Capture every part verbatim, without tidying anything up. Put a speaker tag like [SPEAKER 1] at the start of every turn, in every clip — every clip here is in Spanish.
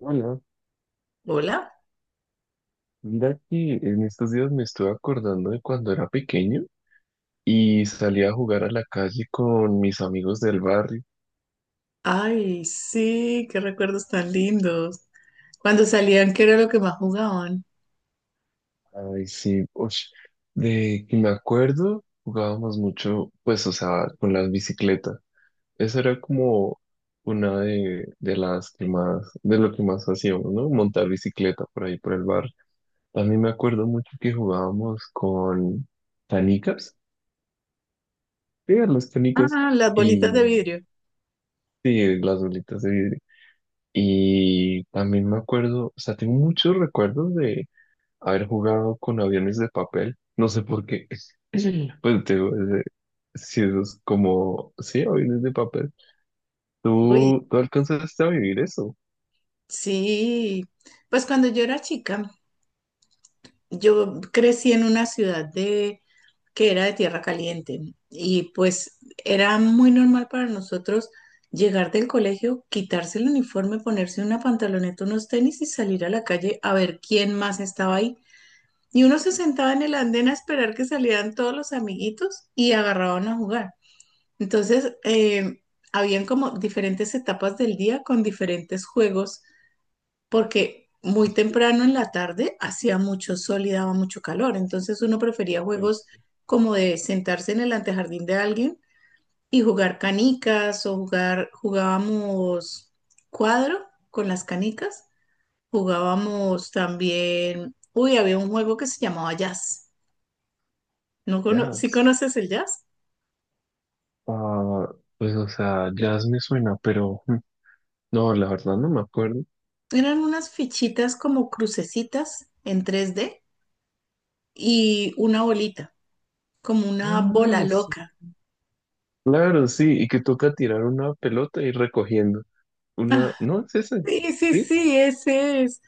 [SPEAKER 1] Hola,
[SPEAKER 2] Hola.
[SPEAKER 1] mira que en estos días me estuve acordando de cuando era pequeño y salía a jugar a la calle con mis amigos del barrio.
[SPEAKER 2] Ay, sí, qué recuerdos tan lindos. Cuando salían, ¿qué era lo que más jugaban?
[SPEAKER 1] Ay, sí, ush, de que me acuerdo, jugábamos mucho, pues, o sea, con las bicicletas. Esa era como una de, de las que más, de lo que más hacíamos, ¿no? Montar bicicleta por ahí, por el barrio. También me acuerdo mucho que jugábamos con canicas, sí, a las canicas.
[SPEAKER 2] Ah, las bolitas de
[SPEAKER 1] Y
[SPEAKER 2] vidrio.
[SPEAKER 1] sí, las bolitas de. Y también me acuerdo, o sea, tengo muchos recuerdos de haber jugado con aviones de papel. No sé por qué. Pues te digo, es de- si esos como, sí, aviones de papel.
[SPEAKER 2] Uy,
[SPEAKER 1] ¿Tú, tú alcanzaste a vivir eso?
[SPEAKER 2] sí. Pues cuando yo era chica, yo crecí en una ciudad de que era de tierra caliente y pues era muy normal para nosotros llegar del colegio, quitarse el uniforme, ponerse una pantaloneta, unos tenis y salir a la calle a ver quién más estaba ahí. Y uno se sentaba en el andén a esperar que salieran todos los amiguitos y agarraban a jugar. Entonces, eh, habían como diferentes etapas del día con diferentes juegos, porque muy
[SPEAKER 1] Este,
[SPEAKER 2] temprano en la tarde hacía mucho sol y daba mucho calor. Entonces, uno prefería juegos
[SPEAKER 1] pues,
[SPEAKER 2] como de sentarse en el antejardín de alguien y jugar canicas o jugar, jugábamos cuadro con las canicas, jugábamos también, uy, había un juego que se llamaba jazz. ¿No cono ¿Sí
[SPEAKER 1] jazz.
[SPEAKER 2] conoces el jazz?
[SPEAKER 1] Ah, pues, o sea, jazz me suena, pero mm, no, la verdad no me acuerdo.
[SPEAKER 2] Eran unas fichitas como crucecitas en tres D y una bolita, como una bola
[SPEAKER 1] Ah, sí.
[SPEAKER 2] loca.
[SPEAKER 1] Claro, sí, y que toca tirar una pelota y recogiendo.
[SPEAKER 2] Ah,
[SPEAKER 1] Una, no, es ese,
[SPEAKER 2] sí, sí,
[SPEAKER 1] ¿sí?
[SPEAKER 2] sí, ese es.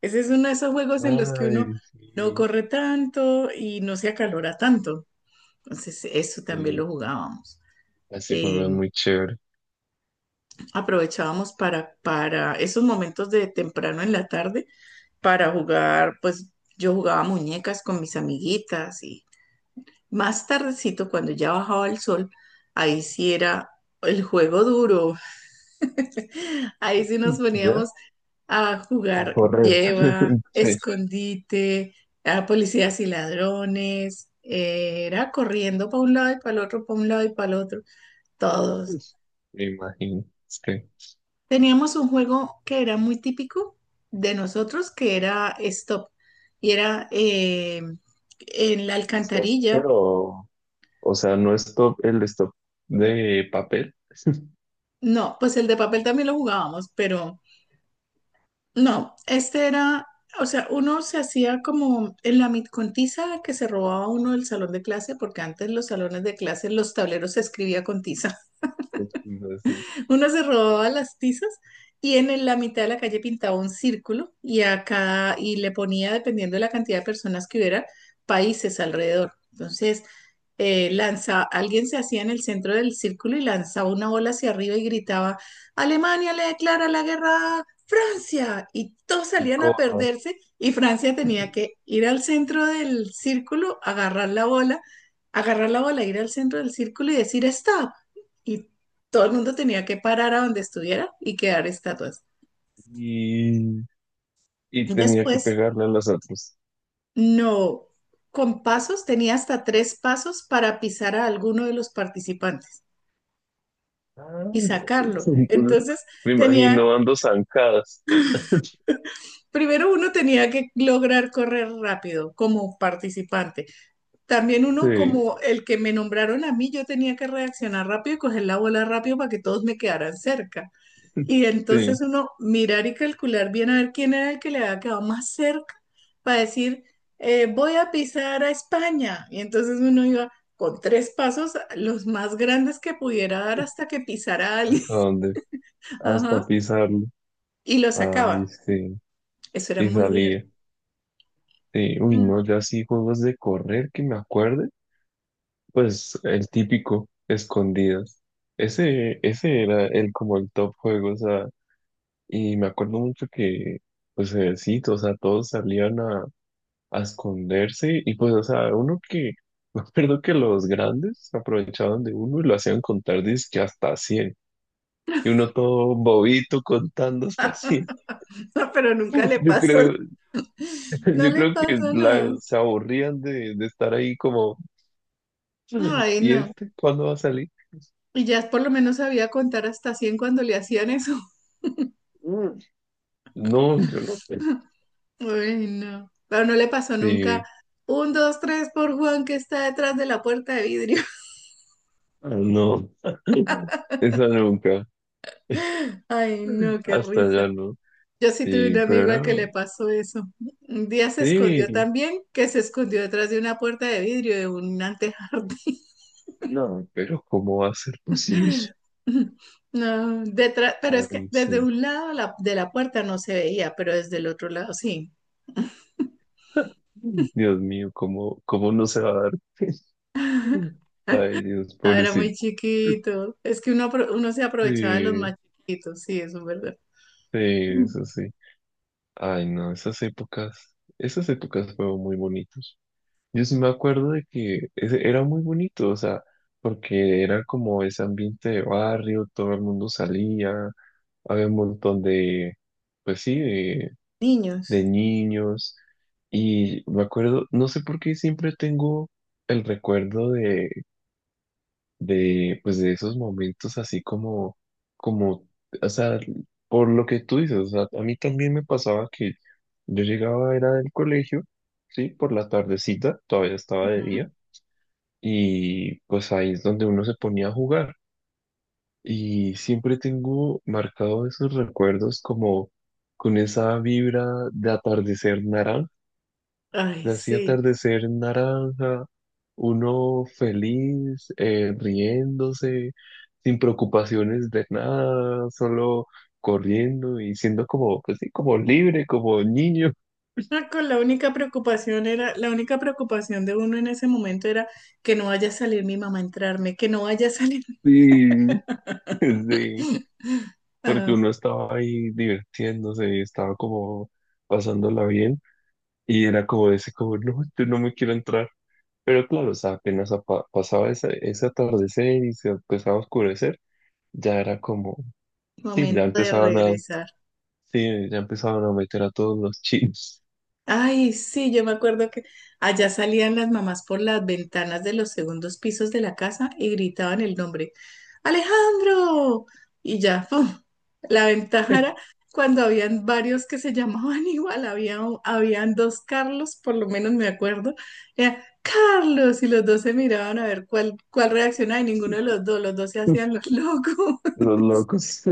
[SPEAKER 2] Ese es uno de esos juegos en los que uno
[SPEAKER 1] Ay,
[SPEAKER 2] no
[SPEAKER 1] sí.
[SPEAKER 2] corre tanto y no se acalora tanto. Entonces, eso también
[SPEAKER 1] Sí,
[SPEAKER 2] lo jugábamos.
[SPEAKER 1] ese juego
[SPEAKER 2] Eh,
[SPEAKER 1] muy chévere.
[SPEAKER 2] aprovechábamos para, para esos momentos de temprano en la tarde para jugar, pues yo jugaba muñecas con mis amiguitas y más tardecito, cuando ya bajaba el sol, ahí sí era el juego duro. Ahí sí nos
[SPEAKER 1] ¿Ya?
[SPEAKER 2] poníamos a
[SPEAKER 1] A
[SPEAKER 2] jugar
[SPEAKER 1] correr.
[SPEAKER 2] lleva,
[SPEAKER 1] Sí,
[SPEAKER 2] escondite, a policías y ladrones. eh, Era corriendo para un lado y para el otro, para un lado y para el otro. Todos.
[SPEAKER 1] pues, me imagino. Es que
[SPEAKER 2] Teníamos un juego que era muy típico de nosotros, que era Stop. Y era eh, en la
[SPEAKER 1] stop,
[SPEAKER 2] alcantarilla.
[SPEAKER 1] pero, o sea, no stop, el stop de papel,
[SPEAKER 2] No, pues el de papel también lo jugábamos, pero... No, este era, o sea, uno se hacía como en la mitcontiza que se robaba uno del salón de clase, porque antes los salones de clase, los tableros se escribía con tiza.
[SPEAKER 1] sino así,
[SPEAKER 2] Uno se robaba las tizas y en el- la mitad de la calle pintaba un círculo y acá y le ponía, dependiendo de la cantidad de personas que hubiera, países alrededor. Entonces, eh, lanza, alguien se hacía en el centro del círculo y lanzaba una bola hacia arriba y gritaba, Alemania le declara la guerra a Francia. Y todos salían a
[SPEAKER 1] corra.
[SPEAKER 2] perderse y Francia tenía que ir al centro del círculo, agarrar la bola, agarrar la bola, ir al centro del círculo y decir stop. Y todo el mundo tenía que parar a donde estuviera y quedar estatuas.
[SPEAKER 1] Y, y
[SPEAKER 2] Y
[SPEAKER 1] tenía que
[SPEAKER 2] después,
[SPEAKER 1] pegarle a las otras.
[SPEAKER 2] no, con pasos, tenía hasta tres pasos para pisar a alguno de los participantes
[SPEAKER 1] Ah,
[SPEAKER 2] y sacarlo.
[SPEAKER 1] entonces,
[SPEAKER 2] Entonces,
[SPEAKER 1] me
[SPEAKER 2] tenía,
[SPEAKER 1] imagino ando zancadas.
[SPEAKER 2] primero uno tenía que lograr correr rápido como participante. También uno
[SPEAKER 1] Sí,
[SPEAKER 2] como el que me nombraron a mí, yo tenía que reaccionar rápido y coger la bola rápido para que todos me quedaran cerca. Y
[SPEAKER 1] sí.
[SPEAKER 2] entonces uno mirar y calcular bien a ver quién era el que le había quedado más cerca para decir, eh, voy a pisar a España. Y entonces uno iba con tres pasos, los más grandes que pudiera dar hasta que pisara a alguien.
[SPEAKER 1] ¿Hasta dónde?
[SPEAKER 2] Ajá.
[SPEAKER 1] Hasta pisarlo.
[SPEAKER 2] Y lo
[SPEAKER 1] Ay,
[SPEAKER 2] sacaba.
[SPEAKER 1] sí.
[SPEAKER 2] Eso era
[SPEAKER 1] Y
[SPEAKER 2] muy divertido.
[SPEAKER 1] salía. Sí, uy, no, yo así juegos de correr que me acuerde, pues el típico, escondidas. Ese, ese era el como el top juego, o sea, y me acuerdo mucho que, pues eh, sí, o sea, todos salían a, a esconderse y pues, o sea, uno que, me acuerdo que los grandes aprovechaban de uno y lo hacían contar que hasta cien. Y uno todo bobito contando hasta cien.
[SPEAKER 2] Pero nunca le
[SPEAKER 1] Yo
[SPEAKER 2] pasó,
[SPEAKER 1] creo,
[SPEAKER 2] no
[SPEAKER 1] yo
[SPEAKER 2] le
[SPEAKER 1] creo que
[SPEAKER 2] pasó nada.
[SPEAKER 1] la- se aburrían de, de estar ahí como,
[SPEAKER 2] Ay,
[SPEAKER 1] ¿y
[SPEAKER 2] no.
[SPEAKER 1] este cuándo va a salir?
[SPEAKER 2] Y ya por lo menos sabía contar hasta cien cuando le hacían eso.
[SPEAKER 1] Mm. No, yo no, pues.
[SPEAKER 2] Ay, no. Pero no le pasó nunca.
[SPEAKER 1] Sí.
[SPEAKER 2] Un, dos, tres por Juan que está detrás de la puerta de vidrio.
[SPEAKER 1] Ah, no, esa nunca.
[SPEAKER 2] Ay, no, qué
[SPEAKER 1] Hasta
[SPEAKER 2] risa.
[SPEAKER 1] allá no.
[SPEAKER 2] Yo sí tuve un
[SPEAKER 1] Sí, pero
[SPEAKER 2] amigo al
[SPEAKER 1] era.
[SPEAKER 2] que le pasó eso. Un día se escondió
[SPEAKER 1] Sí,
[SPEAKER 2] también, que se escondió detrás de una puerta de vidrio de un antejardín.
[SPEAKER 1] no, pero ¿cómo va a ser posible?
[SPEAKER 2] No, detrás, pero es que
[SPEAKER 1] Ay,
[SPEAKER 2] desde
[SPEAKER 1] sí.
[SPEAKER 2] un lado la- de la puerta no se veía, pero desde el otro lado sí.
[SPEAKER 1] Dios mío, ¿cómo, cómo no se va a dar? Ay, Dios,
[SPEAKER 2] Ah, era
[SPEAKER 1] pobrecito.
[SPEAKER 2] muy chiquito. Es que uno, apro- uno se aprovechaba de los
[SPEAKER 1] Sí,
[SPEAKER 2] más chiquitos, sí, eso es verdad.
[SPEAKER 1] sí,
[SPEAKER 2] Mm.
[SPEAKER 1] eso sí. Ay, no, esas épocas, esas épocas fueron muy bonitas. Yo sí me acuerdo de que ese- era muy bonito, o sea, porque era como ese ambiente de barrio, todo el mundo salía, había un montón de, pues sí, de,
[SPEAKER 2] Niños.
[SPEAKER 1] de niños. Y me acuerdo, no sé por qué siempre tengo el recuerdo de, de, pues de esos momentos así como, como, o sea, por lo que tú dices, o sea, a mí también me pasaba que yo llegaba, era del colegio, sí, por la tardecita, todavía estaba de
[SPEAKER 2] Ujú.
[SPEAKER 1] día y pues ahí es donde uno se ponía a jugar. Y siempre tengo marcado esos recuerdos como con esa vibra de atardecer naranja,
[SPEAKER 2] Ay,
[SPEAKER 1] de así
[SPEAKER 2] sí.
[SPEAKER 1] atardecer naranja, uno feliz, eh, riéndose, sin preocupaciones de nada, solo corriendo y siendo como, pues sí, como libre, como niño.
[SPEAKER 2] Ah, con la única preocupación era, la única preocupación de uno en ese momento era que no vaya a salir mi mamá a entrarme, que no vaya a salir.
[SPEAKER 1] Sí, sí, porque
[SPEAKER 2] Ah,
[SPEAKER 1] uno estaba ahí divirtiéndose y estaba como pasándola bien. Y era como ese, como, no, yo no me quiero entrar. Pero claro, o sea, apenas apa- pasaba ese, ese atardecer y se empezaba a oscurecer, ya era como, sí, ya
[SPEAKER 2] momento de
[SPEAKER 1] empezaban a,
[SPEAKER 2] regresar.
[SPEAKER 1] sí, ya empezaban a meter a todos los chinos,
[SPEAKER 2] Ay, sí, yo me acuerdo que allá salían las mamás por las ventanas de los segundos pisos de la casa y gritaban el nombre, Alejandro. Y ya, ¡pum! La ventaja era cuando habían varios que se llamaban igual, había, un- habían dos Carlos, por lo menos me acuerdo, era Carlos y los dos se miraban a ver cuál, cuál reaccionaba y ninguno de los dos, los dos se hacían los locos.
[SPEAKER 1] los locos.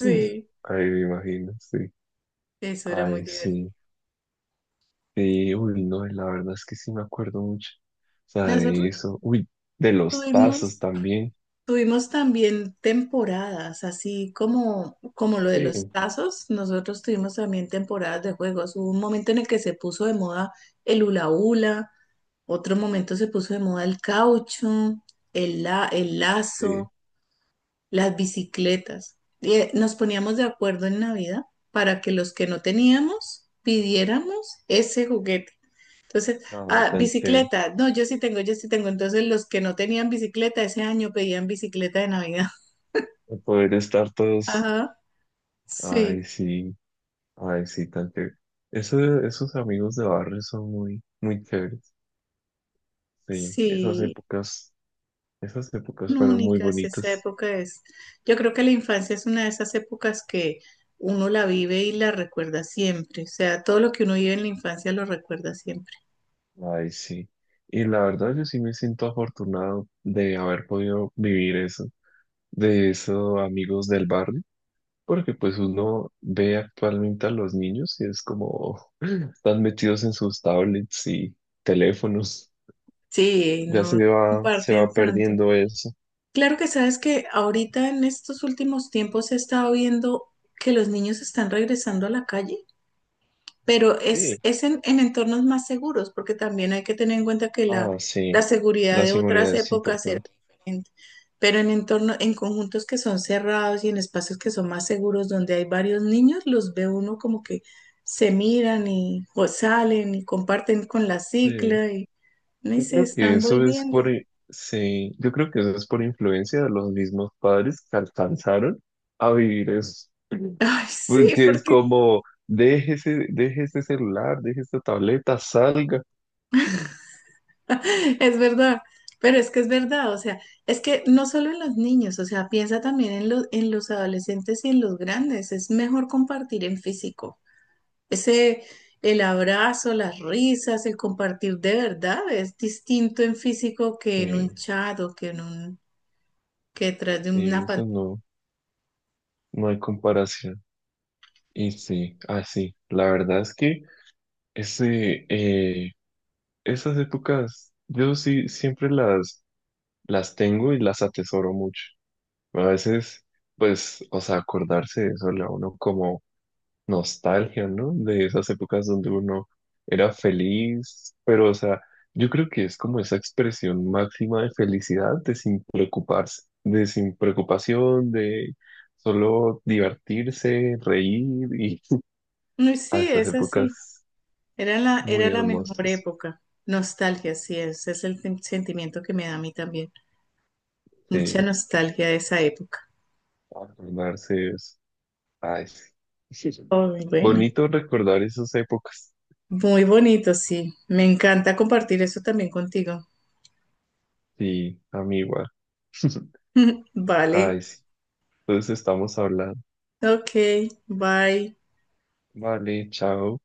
[SPEAKER 2] Sí,
[SPEAKER 1] Ay, me imagino, sí.
[SPEAKER 2] eso era muy
[SPEAKER 1] Ay,
[SPEAKER 2] divertido.
[SPEAKER 1] sí. Sí, uy, no, la verdad es que sí me acuerdo mucho. O sea, de
[SPEAKER 2] Nosotros
[SPEAKER 1] eso. Uy, de los tazos
[SPEAKER 2] tuvimos...
[SPEAKER 1] también.
[SPEAKER 2] Tuvimos también temporadas, así como, como lo de
[SPEAKER 1] Sí.
[SPEAKER 2] los tazos, nosotros tuvimos también temporadas de juegos. Hubo un momento en el que se puso de moda el hula hula, otro momento se puso de moda el caucho, el, la- el
[SPEAKER 1] Ah, sí,
[SPEAKER 2] lazo, las bicicletas. Y, eh, nos poníamos de acuerdo en Navidad para que los que no teníamos pidiéramos ese juguete. Entonces,
[SPEAKER 1] nada,
[SPEAKER 2] ah,
[SPEAKER 1] tan chévere.
[SPEAKER 2] bicicleta, no, yo sí tengo, yo sí tengo. Entonces, los que no tenían bicicleta ese año pedían bicicleta de Navidad.
[SPEAKER 1] Poder estar todos.
[SPEAKER 2] Ajá,
[SPEAKER 1] Ay,
[SPEAKER 2] sí,
[SPEAKER 1] sí, ay, sí, tan chévere. Eso, esos amigos de barrio son muy, muy chéveres. Sí, esas
[SPEAKER 2] sí,
[SPEAKER 1] épocas, esas épocas fueron muy
[SPEAKER 2] únicas, esa
[SPEAKER 1] bonitas.
[SPEAKER 2] época es, yo creo que la infancia es una de esas épocas que uno la vive y la recuerda siempre, o sea, todo lo que uno vive en la infancia lo recuerda siempre.
[SPEAKER 1] Ay, sí. Y la verdad, yo sí me siento afortunado de haber podido vivir eso, de esos amigos del barrio, porque pues uno ve actualmente a los niños y es como están metidos en sus tablets y teléfonos.
[SPEAKER 2] Sí,
[SPEAKER 1] Ya
[SPEAKER 2] no
[SPEAKER 1] se va, se
[SPEAKER 2] comparten
[SPEAKER 1] va
[SPEAKER 2] tanto.
[SPEAKER 1] perdiendo eso.
[SPEAKER 2] Claro que sabes que ahorita en estos últimos tiempos he estado viendo que los niños están regresando a la calle, pero es,
[SPEAKER 1] Sí.
[SPEAKER 2] es en, en entornos más seguros, porque también hay que tener en cuenta que la,
[SPEAKER 1] Ah,
[SPEAKER 2] la
[SPEAKER 1] sí,
[SPEAKER 2] seguridad
[SPEAKER 1] la
[SPEAKER 2] de
[SPEAKER 1] seguridad
[SPEAKER 2] otras
[SPEAKER 1] es
[SPEAKER 2] épocas era
[SPEAKER 1] importante.
[SPEAKER 2] diferente, pero en entornos, en conjuntos que son cerrados y en espacios que son más seguros, donde hay varios niños, los ve uno como que se miran y o salen y comparten con la
[SPEAKER 1] Sí.
[SPEAKER 2] cicla y, no y
[SPEAKER 1] Yo
[SPEAKER 2] se
[SPEAKER 1] creo que
[SPEAKER 2] están
[SPEAKER 1] eso es
[SPEAKER 2] volviendo.
[SPEAKER 1] por, sí, yo creo que eso es por influencia de los mismos padres que alcanzaron a vivir eso.
[SPEAKER 2] Ay, sí,
[SPEAKER 1] Porque es
[SPEAKER 2] porque
[SPEAKER 1] como, deje ese, deje ese celular, deje esta tableta, salga.
[SPEAKER 2] es verdad, pero es que es verdad, o sea, es que no solo en los niños, o sea, piensa también en los, en los adolescentes y en los grandes, es mejor compartir en físico. Ese, el abrazo, las risas, el compartir de verdad es distinto en físico que en un
[SPEAKER 1] Sí,
[SPEAKER 2] chat o que en un, que detrás de
[SPEAKER 1] sí,
[SPEAKER 2] una
[SPEAKER 1] eso
[SPEAKER 2] pantalla.
[SPEAKER 1] no, no hay comparación. Y sí, así, la verdad es que ese, eh, esas épocas, yo sí siempre las, las tengo y las atesoro mucho. A veces, pues, o sea, acordarse de eso le da a uno como nostalgia, ¿no? De esas épocas donde uno era feliz, pero, o sea, yo creo que es como esa expresión máxima de felicidad, de sin preocuparse, de sin preocupación, de solo divertirse, reír y
[SPEAKER 2] No,
[SPEAKER 1] a
[SPEAKER 2] sí,
[SPEAKER 1] esas
[SPEAKER 2] es así,
[SPEAKER 1] épocas
[SPEAKER 2] era la, era
[SPEAKER 1] muy
[SPEAKER 2] la mejor
[SPEAKER 1] hermosas.
[SPEAKER 2] época. Nostalgia, sí, ese es el sen- sentimiento que me da a mí también. Mucha
[SPEAKER 1] Sí,
[SPEAKER 2] nostalgia de esa época.
[SPEAKER 1] acordarse es, ay, sí.
[SPEAKER 2] Oh, bueno.
[SPEAKER 1] Bonito recordar esas épocas.
[SPEAKER 2] Muy bonito, sí. Me encanta compartir eso también contigo.
[SPEAKER 1] Sí, a mí igual.
[SPEAKER 2] Vale.
[SPEAKER 1] Ay, sí. Entonces estamos hablando.
[SPEAKER 2] Ok, bye.
[SPEAKER 1] Vale, chao.